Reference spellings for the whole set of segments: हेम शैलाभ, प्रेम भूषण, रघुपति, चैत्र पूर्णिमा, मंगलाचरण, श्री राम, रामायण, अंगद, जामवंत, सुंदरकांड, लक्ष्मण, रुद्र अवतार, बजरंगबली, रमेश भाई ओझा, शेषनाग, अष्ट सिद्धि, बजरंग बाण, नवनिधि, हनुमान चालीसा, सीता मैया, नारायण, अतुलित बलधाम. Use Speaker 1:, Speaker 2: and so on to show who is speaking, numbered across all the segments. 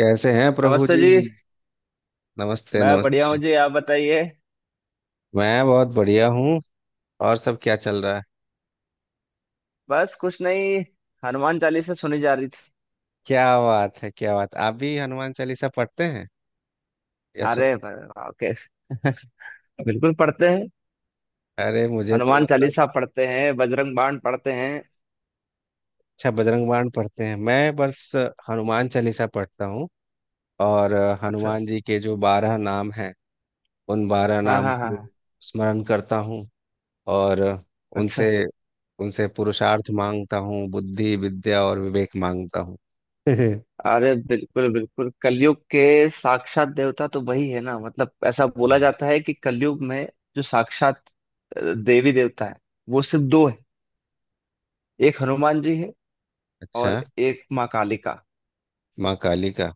Speaker 1: कैसे हैं प्रभु
Speaker 2: नमस्ते
Speaker 1: जी।
Speaker 2: जी।
Speaker 1: नमस्ते
Speaker 2: मैं बढ़िया
Speaker 1: नमस्ते।
Speaker 2: हूँ जी, आप बताइए।
Speaker 1: मैं बहुत बढ़िया हूँ। और सब क्या चल रहा है?
Speaker 2: बस कुछ नहीं, हनुमान चालीसा सुनी जा रही थी।
Speaker 1: क्या बात है, क्या बात! आप भी हनुमान चालीसा पढ़ते हैं या सुन?
Speaker 2: ओके, बिल्कुल पढ़ते हैं।
Speaker 1: अरे मुझे तो
Speaker 2: हनुमान
Speaker 1: मतलब,
Speaker 2: चालीसा पढ़ते हैं, बजरंग बाण पढ़ते हैं।
Speaker 1: अच्छा बजरंग बाण पढ़ते हैं। मैं बस हनुमान चालीसा पढ़ता हूँ और
Speaker 2: अच्छा अच्छा।
Speaker 1: हनुमान जी के जो 12 नाम हैं उन 12
Speaker 2: हाँ
Speaker 1: नाम
Speaker 2: हाँ हाँ
Speaker 1: को
Speaker 2: हाँ।
Speaker 1: स्मरण करता हूँ और
Speaker 2: अच्छा।
Speaker 1: उनसे उनसे पुरुषार्थ मांगता हूँ, बुद्धि विद्या और विवेक मांगता हूँ।
Speaker 2: अरे बिल्कुल बिल्कुल, कलयुग के साक्षात देवता तो वही है ना। मतलब ऐसा बोला जाता है कि कलयुग में जो साक्षात देवी देवता है वो सिर्फ दो है। एक हनुमान जी है
Speaker 1: अच्छा,
Speaker 2: और एक माँ कालिका।
Speaker 1: माँ काली का।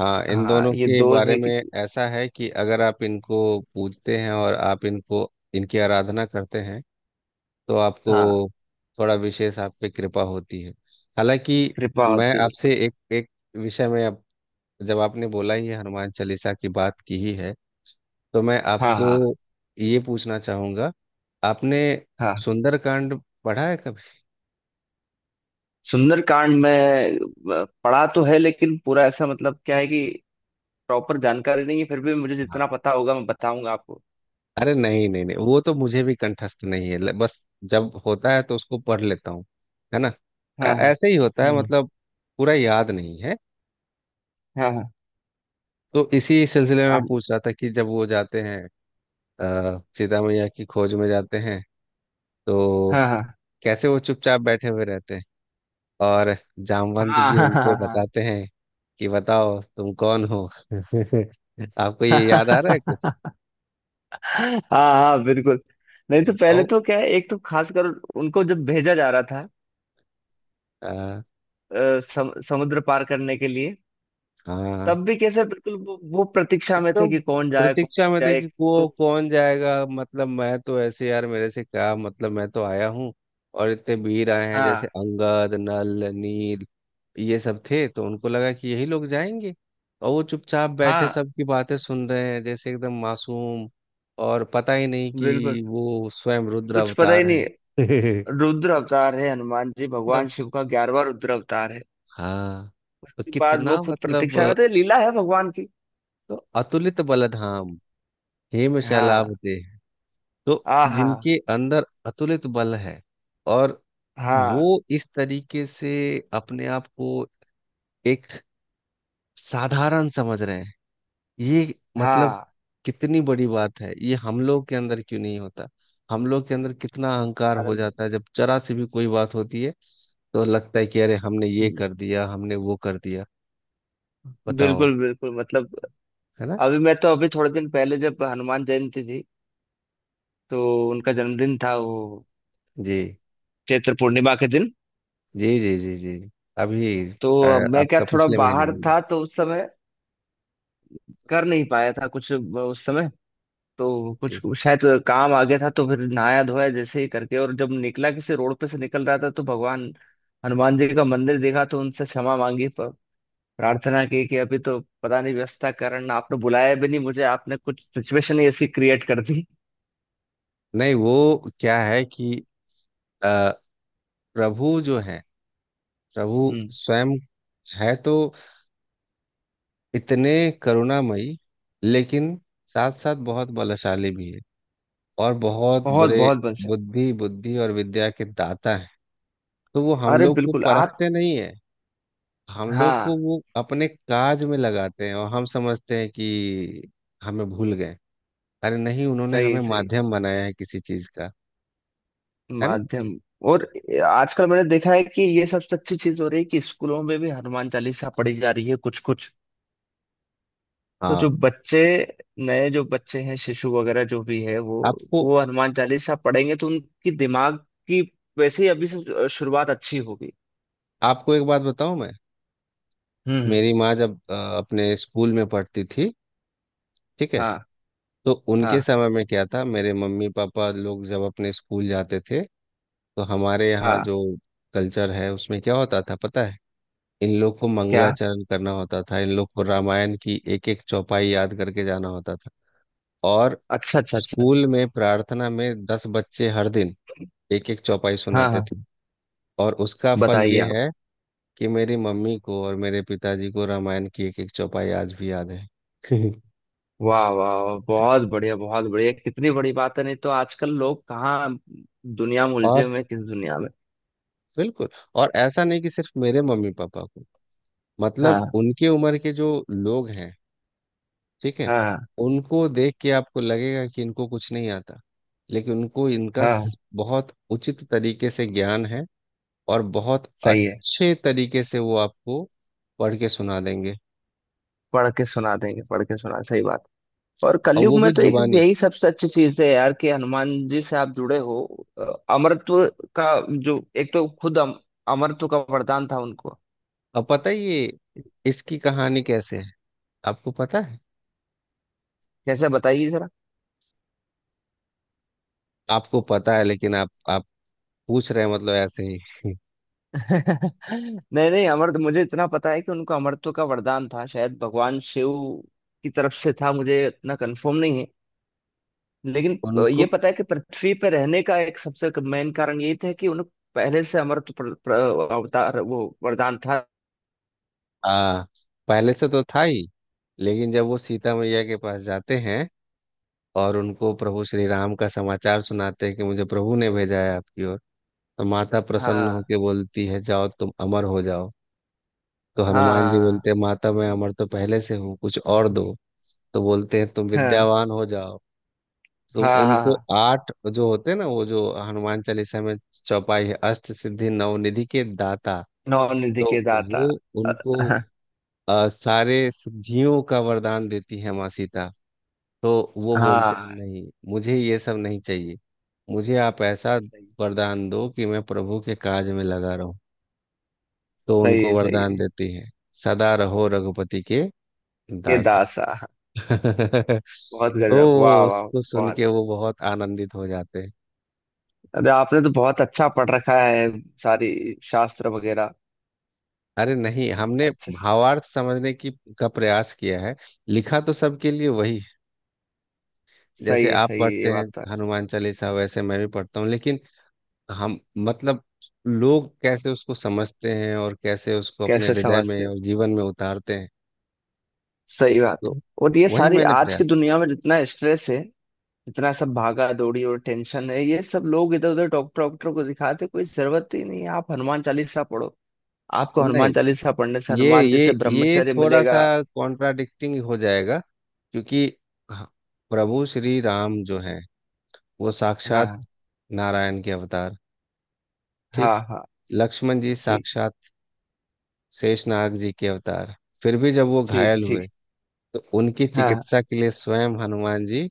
Speaker 1: हाँ, इन
Speaker 2: हाँ
Speaker 1: दोनों
Speaker 2: ये
Speaker 1: के
Speaker 2: दो
Speaker 1: बारे
Speaker 2: है कि
Speaker 1: में ऐसा है कि अगर आप इनको पूजते हैं और आप इनको इनकी आराधना करते हैं तो आपको
Speaker 2: हाँ,
Speaker 1: थोड़ा विशेष आप पे कृपा होती है। हालांकि
Speaker 2: कृपा
Speaker 1: मैं
Speaker 2: होती है
Speaker 1: आपसे
Speaker 2: बिल्कुल।
Speaker 1: एक एक विषय में, अब जब आपने बोला ही है, हनुमान चालीसा की बात की ही है, तो मैं
Speaker 2: हाँ हाँ
Speaker 1: आपको ये पूछना चाहूंगा। आपने
Speaker 2: हाँ।
Speaker 1: सुंदरकांड पढ़ा है कभी?
Speaker 2: सुंदरकांड में पढ़ा तो है लेकिन पूरा ऐसा मतलब क्या है कि प्रॉपर जानकारी नहीं है। फिर भी मुझे जितना पता होगा मैं बताऊंगा आपको।
Speaker 1: अरे नहीं नहीं नहीं, वो तो मुझे भी कंठस्थ नहीं है। बस जब होता है तो उसको पढ़ लेता हूँ, है ना।
Speaker 2: हाँ हाँ।
Speaker 1: ऐसे ही होता है
Speaker 2: हम्म।
Speaker 1: मतलब, पूरा याद नहीं है।
Speaker 2: हाँ हाँ
Speaker 1: तो इसी सिलसिले में मैं पूछ रहा था कि जब वो जाते हैं, सीता मैया की खोज में जाते हैं, तो
Speaker 2: हाँ हाँ
Speaker 1: कैसे वो चुपचाप बैठे हुए रहते हैं और जामवंत
Speaker 2: हाँ
Speaker 1: जी
Speaker 2: हाँ हाँ
Speaker 1: उनको
Speaker 2: हाँ हाँ।
Speaker 1: बताते हैं कि बताओ तुम कौन हो। आपको ये याद आ रहा है कुछ?
Speaker 2: हाँ, हाँ, बिल्कुल। नहीं तो
Speaker 1: आओ।
Speaker 2: पहले तो क्या है, एक तो खासकर उनको जब भेजा जा रहा था
Speaker 1: अ,
Speaker 2: समुद्र पार करने के लिए,
Speaker 1: हाँ
Speaker 2: तब भी कैसे बिल्कुल वो प्रतीक्षा में थे
Speaker 1: एकदम।
Speaker 2: कि कौन
Speaker 1: प्रतीक्षा में थे
Speaker 2: जाए
Speaker 1: कि
Speaker 2: तो।
Speaker 1: को कौन जाएगा, मतलब मैं तो ऐसे, यार मेरे से क्या मतलब, मैं तो आया हूँ। और इतने वीर आए हैं, जैसे
Speaker 2: हाँ
Speaker 1: अंगद नल नील ये सब थे, तो उनको लगा कि यही लोग जाएंगे। और वो चुपचाप बैठे
Speaker 2: हाँ।
Speaker 1: सबकी बातें सुन रहे हैं, जैसे एकदम मासूम, और पता ही नहीं
Speaker 2: बिल्कुल,
Speaker 1: कि वो स्वयं रुद्र
Speaker 2: कुछ पता ही
Speaker 1: अवतार हैं।
Speaker 2: नहीं। रुद्र अवतार है, हनुमान जी
Speaker 1: मतलब,
Speaker 2: भगवान शिव का ग्यारहवा रुद्र अवतार है।
Speaker 1: हाँ, तो
Speaker 2: उसके बाद वो
Speaker 1: कितना
Speaker 2: खुद
Speaker 1: मतलब,
Speaker 2: प्रतीक्षा करते हैं, लीला है भगवान की।
Speaker 1: तो अतुलित बलधाम, हेम शैलाभ
Speaker 2: हाँ।
Speaker 1: देह, तो
Speaker 2: आ हाँ।
Speaker 1: जिनके अंदर अतुलित बल है, और वो
Speaker 2: हाँ
Speaker 1: इस तरीके से अपने आप को एक साधारण समझ रहे हैं, ये मतलब
Speaker 2: हाँ।
Speaker 1: कितनी बड़ी बात है। ये हम लोग के अंदर क्यों नहीं होता? हम लोग के अंदर कितना अहंकार
Speaker 2: अरे
Speaker 1: हो जाता है, जब जरा सी भी कोई बात होती है तो लगता है कि अरे हमने ये कर दिया, हमने वो कर दिया। बताओ,
Speaker 2: बिल्कुल बिल्कुल, मतलब
Speaker 1: है ना।
Speaker 2: अभी मैं तो, अभी थोड़े दिन पहले जब हनुमान जयंती थी, तो उनका जन्मदिन था वो
Speaker 1: जी
Speaker 2: चैत्र पूर्णिमा के दिन।
Speaker 1: जी जी जी जी। अभी
Speaker 2: तो मैं क्या,
Speaker 1: आपका
Speaker 2: थोड़ा
Speaker 1: पिछले महीने
Speaker 2: बाहर
Speaker 1: में।
Speaker 2: था तो उस समय कर नहीं पाया था कुछ उस समय। तो कुछ
Speaker 1: जी।
Speaker 2: शायद काम आ गया था, तो फिर नहाया धोया जैसे ही करके, और जब निकला, किसी रोड पे से निकल रहा था, तो भगवान हनुमान जी का मंदिर देखा, तो उनसे क्षमा मांगी, प्रार्थना की कि अभी तो पता नहीं व्यस्तता के कारण आपने बुलाया भी नहीं मुझे, आपने कुछ सिचुएशन ही ऐसी क्रिएट कर दी।
Speaker 1: नहीं वो क्या है कि प्रभु जो है, प्रभु
Speaker 2: हम्म।
Speaker 1: स्वयं है तो इतने करुणामयी, लेकिन साथ साथ बहुत बलशाली भी है, और बहुत
Speaker 2: बहुत
Speaker 1: बड़े
Speaker 2: बहुत बलशाली।
Speaker 1: बुद्धि बुद्धि और विद्या के दाता है। तो वो हम
Speaker 2: अरे
Speaker 1: लोग को
Speaker 2: बिल्कुल आप।
Speaker 1: परखते नहीं है, हम लोग
Speaker 2: हाँ।
Speaker 1: को वो अपने काज में लगाते हैं, और हम समझते हैं कि हमें भूल गए। अरे नहीं, उन्होंने
Speaker 2: सही
Speaker 1: हमें
Speaker 2: सही।
Speaker 1: माध्यम बनाया है किसी चीज का, है ना।
Speaker 2: माध्यम। और आजकल मैंने देखा है कि ये सबसे अच्छी चीज हो रही है कि स्कूलों में भी हनुमान चालीसा पढ़ी जा रही है कुछ कुछ। तो जो
Speaker 1: हाँ।
Speaker 2: बच्चे, नए जो बच्चे हैं शिशु वगैरह जो भी है, वो
Speaker 1: आपको
Speaker 2: वो हनुमान चालीसा पढ़ेंगे तो उनकी दिमाग की वैसे ही अभी से शुरुआत अच्छी होगी।
Speaker 1: आपको एक बात बताऊं मैं।
Speaker 2: हम्म।
Speaker 1: मेरी माँ जब अपने स्कूल में पढ़ती थी, ठीक है,
Speaker 2: हाँ
Speaker 1: तो उनके
Speaker 2: हाँ
Speaker 1: समय में क्या था, मेरे मम्मी पापा लोग जब अपने स्कूल जाते थे, तो हमारे यहाँ
Speaker 2: हाँ।
Speaker 1: जो कल्चर है उसमें क्या होता था पता है? इन लोग को
Speaker 2: क्या।
Speaker 1: मंगलाचरण करना होता था, इन लोग को रामायण की एक एक चौपाई याद करके जाना होता था। और
Speaker 2: अच्छा अच्छा अच्छा।
Speaker 1: स्कूल में प्रार्थना में 10 बच्चे हर दिन एक एक चौपाई
Speaker 2: हाँ
Speaker 1: सुनाते
Speaker 2: हाँ।
Speaker 1: थे, और उसका फल
Speaker 2: बताइए
Speaker 1: ये
Speaker 2: आप।
Speaker 1: है कि मेरी मम्मी को और मेरे पिताजी को रामायण की एक एक चौपाई आज भी याद है।
Speaker 2: वाह वाह वाह, बहुत बढ़िया बहुत बढ़िया, कितनी बड़ी बात है। नहीं तो आजकल लोग कहाँ दुनिया में उलझे
Speaker 1: और,
Speaker 2: हुए हैं, किस दुनिया में।
Speaker 1: बिल्कुल, और ऐसा नहीं कि सिर्फ मेरे मम्मी पापा को, मतलब
Speaker 2: हाँ
Speaker 1: उनके उम्र के जो लोग हैं, ठीक है,
Speaker 2: हाँ हाँ
Speaker 1: उनको देख के आपको लगेगा कि इनको कुछ नहीं आता, लेकिन उनको इनका
Speaker 2: हाँ।
Speaker 1: बहुत उचित तरीके से ज्ञान है, और बहुत
Speaker 2: सही है।
Speaker 1: अच्छे तरीके से वो आपको पढ़ के सुना देंगे,
Speaker 2: पढ़ के सुना देंगे, पढ़ के सुना, सही बात। और
Speaker 1: और
Speaker 2: कलयुग
Speaker 1: वो
Speaker 2: में
Speaker 1: भी
Speaker 2: तो एक
Speaker 1: जुबानी।
Speaker 2: यही सबसे अच्छी चीज है यार कि हनुमान जी से आप जुड़े हो। अ, अमरत्व का जो, एक तो खुद अमरत्व का वरदान था उनको।
Speaker 1: अब पता है ये इसकी कहानी कैसे है? आपको पता है?
Speaker 2: कैसे, बताइए जरा।
Speaker 1: आपको पता है लेकिन आप पूछ रहे हैं मतलब ऐसे ही?
Speaker 2: नहीं नहीं, अमर, मुझे इतना पता है कि उनको अमरत्व का वरदान था शायद भगवान शिव की तरफ से था, मुझे इतना कंफर्म नहीं है। लेकिन
Speaker 1: उनको,
Speaker 2: ये पता है कि पृथ्वी पर रहने का एक सबसे मेन कारण यही था कि उन्हें पहले से अमरत्व अवतार वो वरदान था।
Speaker 1: आ, पहले से तो था ही, लेकिन जब वो सीता मैया के पास जाते हैं और उनको प्रभु श्री राम का समाचार सुनाते हैं कि मुझे प्रभु ने भेजा है आपकी ओर, तो माता प्रसन्न
Speaker 2: हाँ
Speaker 1: होकर बोलती है जाओ तुम अमर हो जाओ। तो हनुमान जी बोलते
Speaker 2: हाँ
Speaker 1: हैं माता मैं अमर तो पहले से हूँ, कुछ और दो। तो बोलते हैं तुम
Speaker 2: हाँ
Speaker 1: विद्यावान हो जाओ। तो
Speaker 2: हाँ हाँ
Speaker 1: उनको
Speaker 2: हाँ।
Speaker 1: 8 जो होते हैं ना, वो जो हनुमान चालीसा में चौपाई है, अष्ट सिद्धि नवनिधि के दाता,
Speaker 2: नॉन निधि
Speaker 1: तो
Speaker 2: के दाता।
Speaker 1: वो
Speaker 2: अ-
Speaker 1: उनको
Speaker 2: हाँ
Speaker 1: सारे सिद्धियों का वरदान देती है माँ सीता। तो वो बोलते हैं
Speaker 2: हाँ,
Speaker 1: नहीं, मुझे ये सब नहीं चाहिए, मुझे आप ऐसा
Speaker 2: सही।
Speaker 1: वरदान दो कि मैं प्रभु के काज में लगा रहूं। तो
Speaker 2: सही
Speaker 1: उनको
Speaker 2: है, सही
Speaker 1: वरदान
Speaker 2: है।
Speaker 1: देती है सदा रहो रघुपति के
Speaker 2: के
Speaker 1: दासा।
Speaker 2: दासा हाँ। बहुत
Speaker 1: तो
Speaker 2: गजब वाह वाह।
Speaker 1: उसको सुन
Speaker 2: बहुत।
Speaker 1: के वो बहुत आनंदित हो जाते हैं।
Speaker 2: अरे आपने तो बहुत अच्छा पढ़ रखा है, सारी शास्त्र वगैरह।
Speaker 1: अरे नहीं, हमने
Speaker 2: अच्छा।
Speaker 1: भावार्थ समझने की का प्रयास किया है। लिखा तो सबके लिए वही है। जैसे
Speaker 2: सही है
Speaker 1: आप
Speaker 2: सही है,
Speaker 1: पढ़ते
Speaker 2: ये
Speaker 1: हैं
Speaker 2: बात तो है।
Speaker 1: हनुमान चालीसा, वैसे मैं भी पढ़ता हूँ, लेकिन हम, मतलब लोग कैसे उसको समझते हैं और कैसे उसको अपने
Speaker 2: कैसे
Speaker 1: हृदय में
Speaker 2: समझते।
Speaker 1: और जीवन में उतारते हैं,
Speaker 2: सही बात
Speaker 1: तो
Speaker 2: है। और ये
Speaker 1: वही
Speaker 2: सारी
Speaker 1: मैंने
Speaker 2: आज
Speaker 1: प्रयास।
Speaker 2: की दुनिया में जितना स्ट्रेस है, जितना सब भागा दौड़ी और टेंशन है, ये सब लोग इधर उधर डॉक्टर डॉक्टर को दिखाते, कोई जरूरत ही नहीं है, आप हनुमान चालीसा पढ़ो। आपको
Speaker 1: नहीं,
Speaker 2: हनुमान चालीसा पढ़ने से
Speaker 1: ये
Speaker 2: हनुमान जी
Speaker 1: ये,
Speaker 2: से
Speaker 1: ये
Speaker 2: ब्रह्मचर्य
Speaker 1: थोड़ा सा
Speaker 2: मिलेगा।
Speaker 1: कॉन्ट्राडिक्टिंग हो जाएगा, क्योंकि ह- प्रभु श्री राम जो हैं वो
Speaker 2: हाँ
Speaker 1: साक्षात
Speaker 2: हाँ।
Speaker 1: नारायण के अवतार, ठीक।
Speaker 2: हाँ हाँ।
Speaker 1: लक्ष्मण जी
Speaker 2: ठीक
Speaker 1: साक्षात शेषनाग जी के अवतार, फिर भी जब वो
Speaker 2: ठीक
Speaker 1: घायल हुए
Speaker 2: ठीक।
Speaker 1: तो उनकी
Speaker 2: हाँ
Speaker 1: चिकित्सा के लिए स्वयं हनुमान जी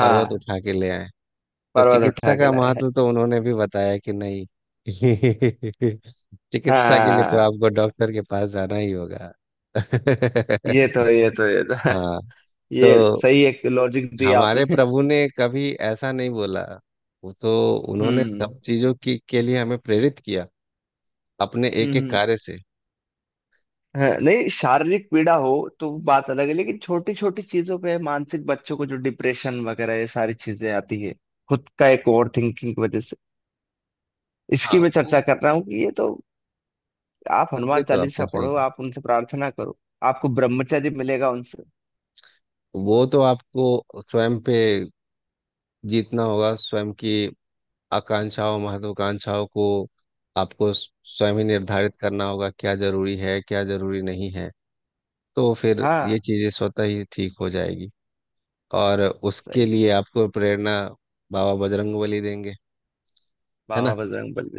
Speaker 1: पर्वत उठा के ले आए। तो
Speaker 2: पर्वत
Speaker 1: चिकित्सा
Speaker 2: उठा के
Speaker 1: का
Speaker 2: लाए हैं।
Speaker 1: महत्व तो उन्होंने भी बताया कि नहीं? चिकित्सा के लिए तो
Speaker 2: हाँ।
Speaker 1: आपको डॉक्टर के पास जाना ही होगा।
Speaker 2: ये तो, ये तो, ये तो
Speaker 1: हाँ।
Speaker 2: ये
Speaker 1: तो
Speaker 2: सही एक लॉजिक दी
Speaker 1: हमारे
Speaker 2: आपने।
Speaker 1: प्रभु ने कभी ऐसा नहीं बोला, वो तो उन्होंने
Speaker 2: हम्म।
Speaker 1: सब चीजों की के लिए हमें प्रेरित किया अपने
Speaker 2: हम्म,
Speaker 1: एक एक
Speaker 2: हम्म।
Speaker 1: कार्य से।
Speaker 2: हाँ, नहीं शारीरिक पीड़ा हो तो बात अलग है, लेकिन छोटी छोटी चीजों पे मानसिक, बच्चों को जो डिप्रेशन वगैरह ये सारी चीजें आती है, खुद का एक ओवर थिंकिंग की वजह से, इसकी
Speaker 1: हाँ
Speaker 2: मैं
Speaker 1: वो,
Speaker 2: चर्चा कर रहा हूँ कि ये तो आप
Speaker 1: ये
Speaker 2: हनुमान
Speaker 1: तो आपने
Speaker 2: चालीसा
Speaker 1: सही
Speaker 2: पढ़ो,
Speaker 1: कहा।
Speaker 2: आप उनसे प्रार्थना करो, आपको ब्रह्मचर्य मिलेगा उनसे।
Speaker 1: वो तो आपको स्वयं पे जीतना होगा, स्वयं की आकांक्षाओं महत्वाकांक्षाओं को। आपको स्वयं ही निर्धारित करना होगा क्या जरूरी है क्या जरूरी नहीं है, तो फिर
Speaker 2: हाँ।
Speaker 1: ये चीजें स्वतः ही ठीक हो जाएगी। और उसके
Speaker 2: सही।
Speaker 1: लिए आपको प्रेरणा बाबा बजरंगबली देंगे, है ना।
Speaker 2: बाबा बजरंग बल।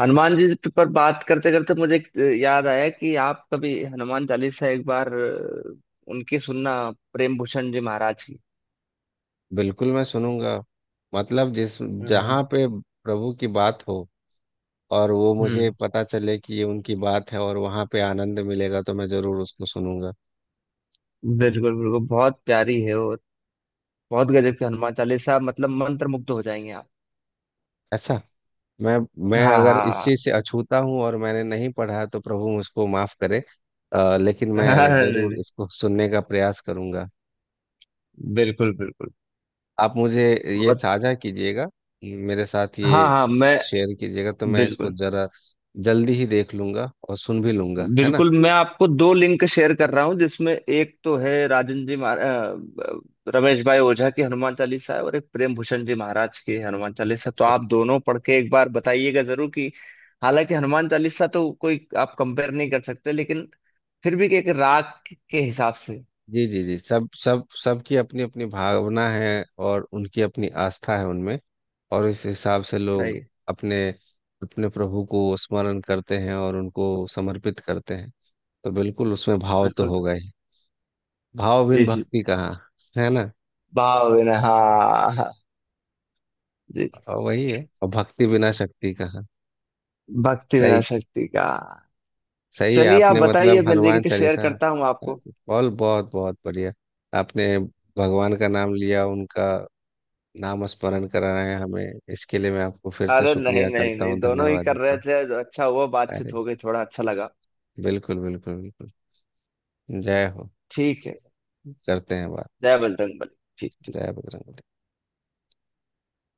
Speaker 2: हनुमान जी पर बात करते करते मुझे एक, याद आया कि आप कभी हनुमान चालीसा एक बार उनकी सुनना, प्रेम भूषण जी महाराज की।
Speaker 1: बिल्कुल मैं सुनूंगा, मतलब जिस जहाँ
Speaker 2: हाँ।
Speaker 1: पे प्रभु की बात हो और वो मुझे
Speaker 2: हम्म।
Speaker 1: पता चले कि ये उनकी बात है और वहाँ पे आनंद मिलेगा, तो मैं जरूर उसको सुनूंगा।
Speaker 2: बिल्कुल बिल्कुल, बहुत प्यारी है और बहुत गजब की हनुमान चालीसा, मतलब मंत्र मुग्ध हो जाएंगे आप।
Speaker 1: ऐसा, मैं मैं
Speaker 2: हाँ
Speaker 1: अगर इस
Speaker 2: हाँ।
Speaker 1: चीज से अछूता हूँ और मैंने नहीं पढ़ा तो प्रभु मुझको माफ करे। लेकिन मैं
Speaker 2: हाँ, नहीं,
Speaker 1: जरूर
Speaker 2: नहीं।
Speaker 1: इसको सुनने का प्रयास करूंगा।
Speaker 2: बिल्कुल बिल्कुल।
Speaker 1: आप मुझे ये
Speaker 2: बहुत।
Speaker 1: साझा कीजिएगा, मेरे साथ
Speaker 2: हाँ
Speaker 1: ये
Speaker 2: हाँ मैं।
Speaker 1: शेयर कीजिएगा, तो मैं इसको
Speaker 2: बिल्कुल।
Speaker 1: जरा जल्दी ही देख लूंगा और सुन भी लूंगा, है ना।
Speaker 2: बिल्कुल, मैं आपको दो लिंक शेयर कर रहा हूँ, जिसमें एक तो है राजन जी रमेश भाई ओझा की हनुमान चालीसा है, और एक प्रेम भूषण जी महाराज की हनुमान चालीसा। तो
Speaker 1: अच्छा
Speaker 2: आप
Speaker 1: अच्छा,
Speaker 2: दोनों पढ़ के एक बार बताइएगा जरूर कि, हालांकि हनुमान चालीसा तो कोई आप कंपेयर नहीं कर सकते, लेकिन फिर भी एक राग के हिसाब से।
Speaker 1: जी जी जी। सब, सबकी अपनी अपनी भावना है और उनकी अपनी आस्था है उनमें, और इस हिसाब से लोग
Speaker 2: सही है।
Speaker 1: अपने अपने प्रभु को स्मरण करते हैं और उनको समर्पित करते हैं, तो बिल्कुल उसमें भाव तो
Speaker 2: बिल्कुल।
Speaker 1: होगा ही। भाव बिन
Speaker 2: जी जी।
Speaker 1: भक्ति कहाँ, है ना।
Speaker 2: भाव बिना हाँ हाँ, जी जी।
Speaker 1: और वही है, और भक्ति बिना शक्ति कहाँ।
Speaker 2: भक्ति बिना
Speaker 1: सही,
Speaker 2: शक्ति का।
Speaker 1: सही है
Speaker 2: चलिए आप
Speaker 1: आपने।
Speaker 2: बताइए,
Speaker 1: मतलब
Speaker 2: मैं
Speaker 1: हनुमान
Speaker 2: लिंक शेयर
Speaker 1: चालीसा
Speaker 2: करता हूँ आपको।
Speaker 1: बहुत बहुत बहुत बढ़िया। आपने भगवान का नाम लिया, उनका नाम स्मरण कराया हमें, इसके लिए मैं आपको फिर से
Speaker 2: अरे नहीं
Speaker 1: शुक्रिया
Speaker 2: नहीं
Speaker 1: करता
Speaker 2: नहीं,
Speaker 1: हूँ,
Speaker 2: दोनों ही
Speaker 1: धन्यवाद
Speaker 2: कर
Speaker 1: देता
Speaker 2: रहे
Speaker 1: हूँ।
Speaker 2: थे, अच्छा हुआ, बातचीत
Speaker 1: अरे
Speaker 2: हो गई, थोड़ा अच्छा लगा।
Speaker 1: बिल्कुल बिल्कुल बिल्कुल, जय हो।
Speaker 2: ठीक है।
Speaker 1: करते हैं बात।
Speaker 2: जय बजरंगबली। ठीक।
Speaker 1: जय बजरंग।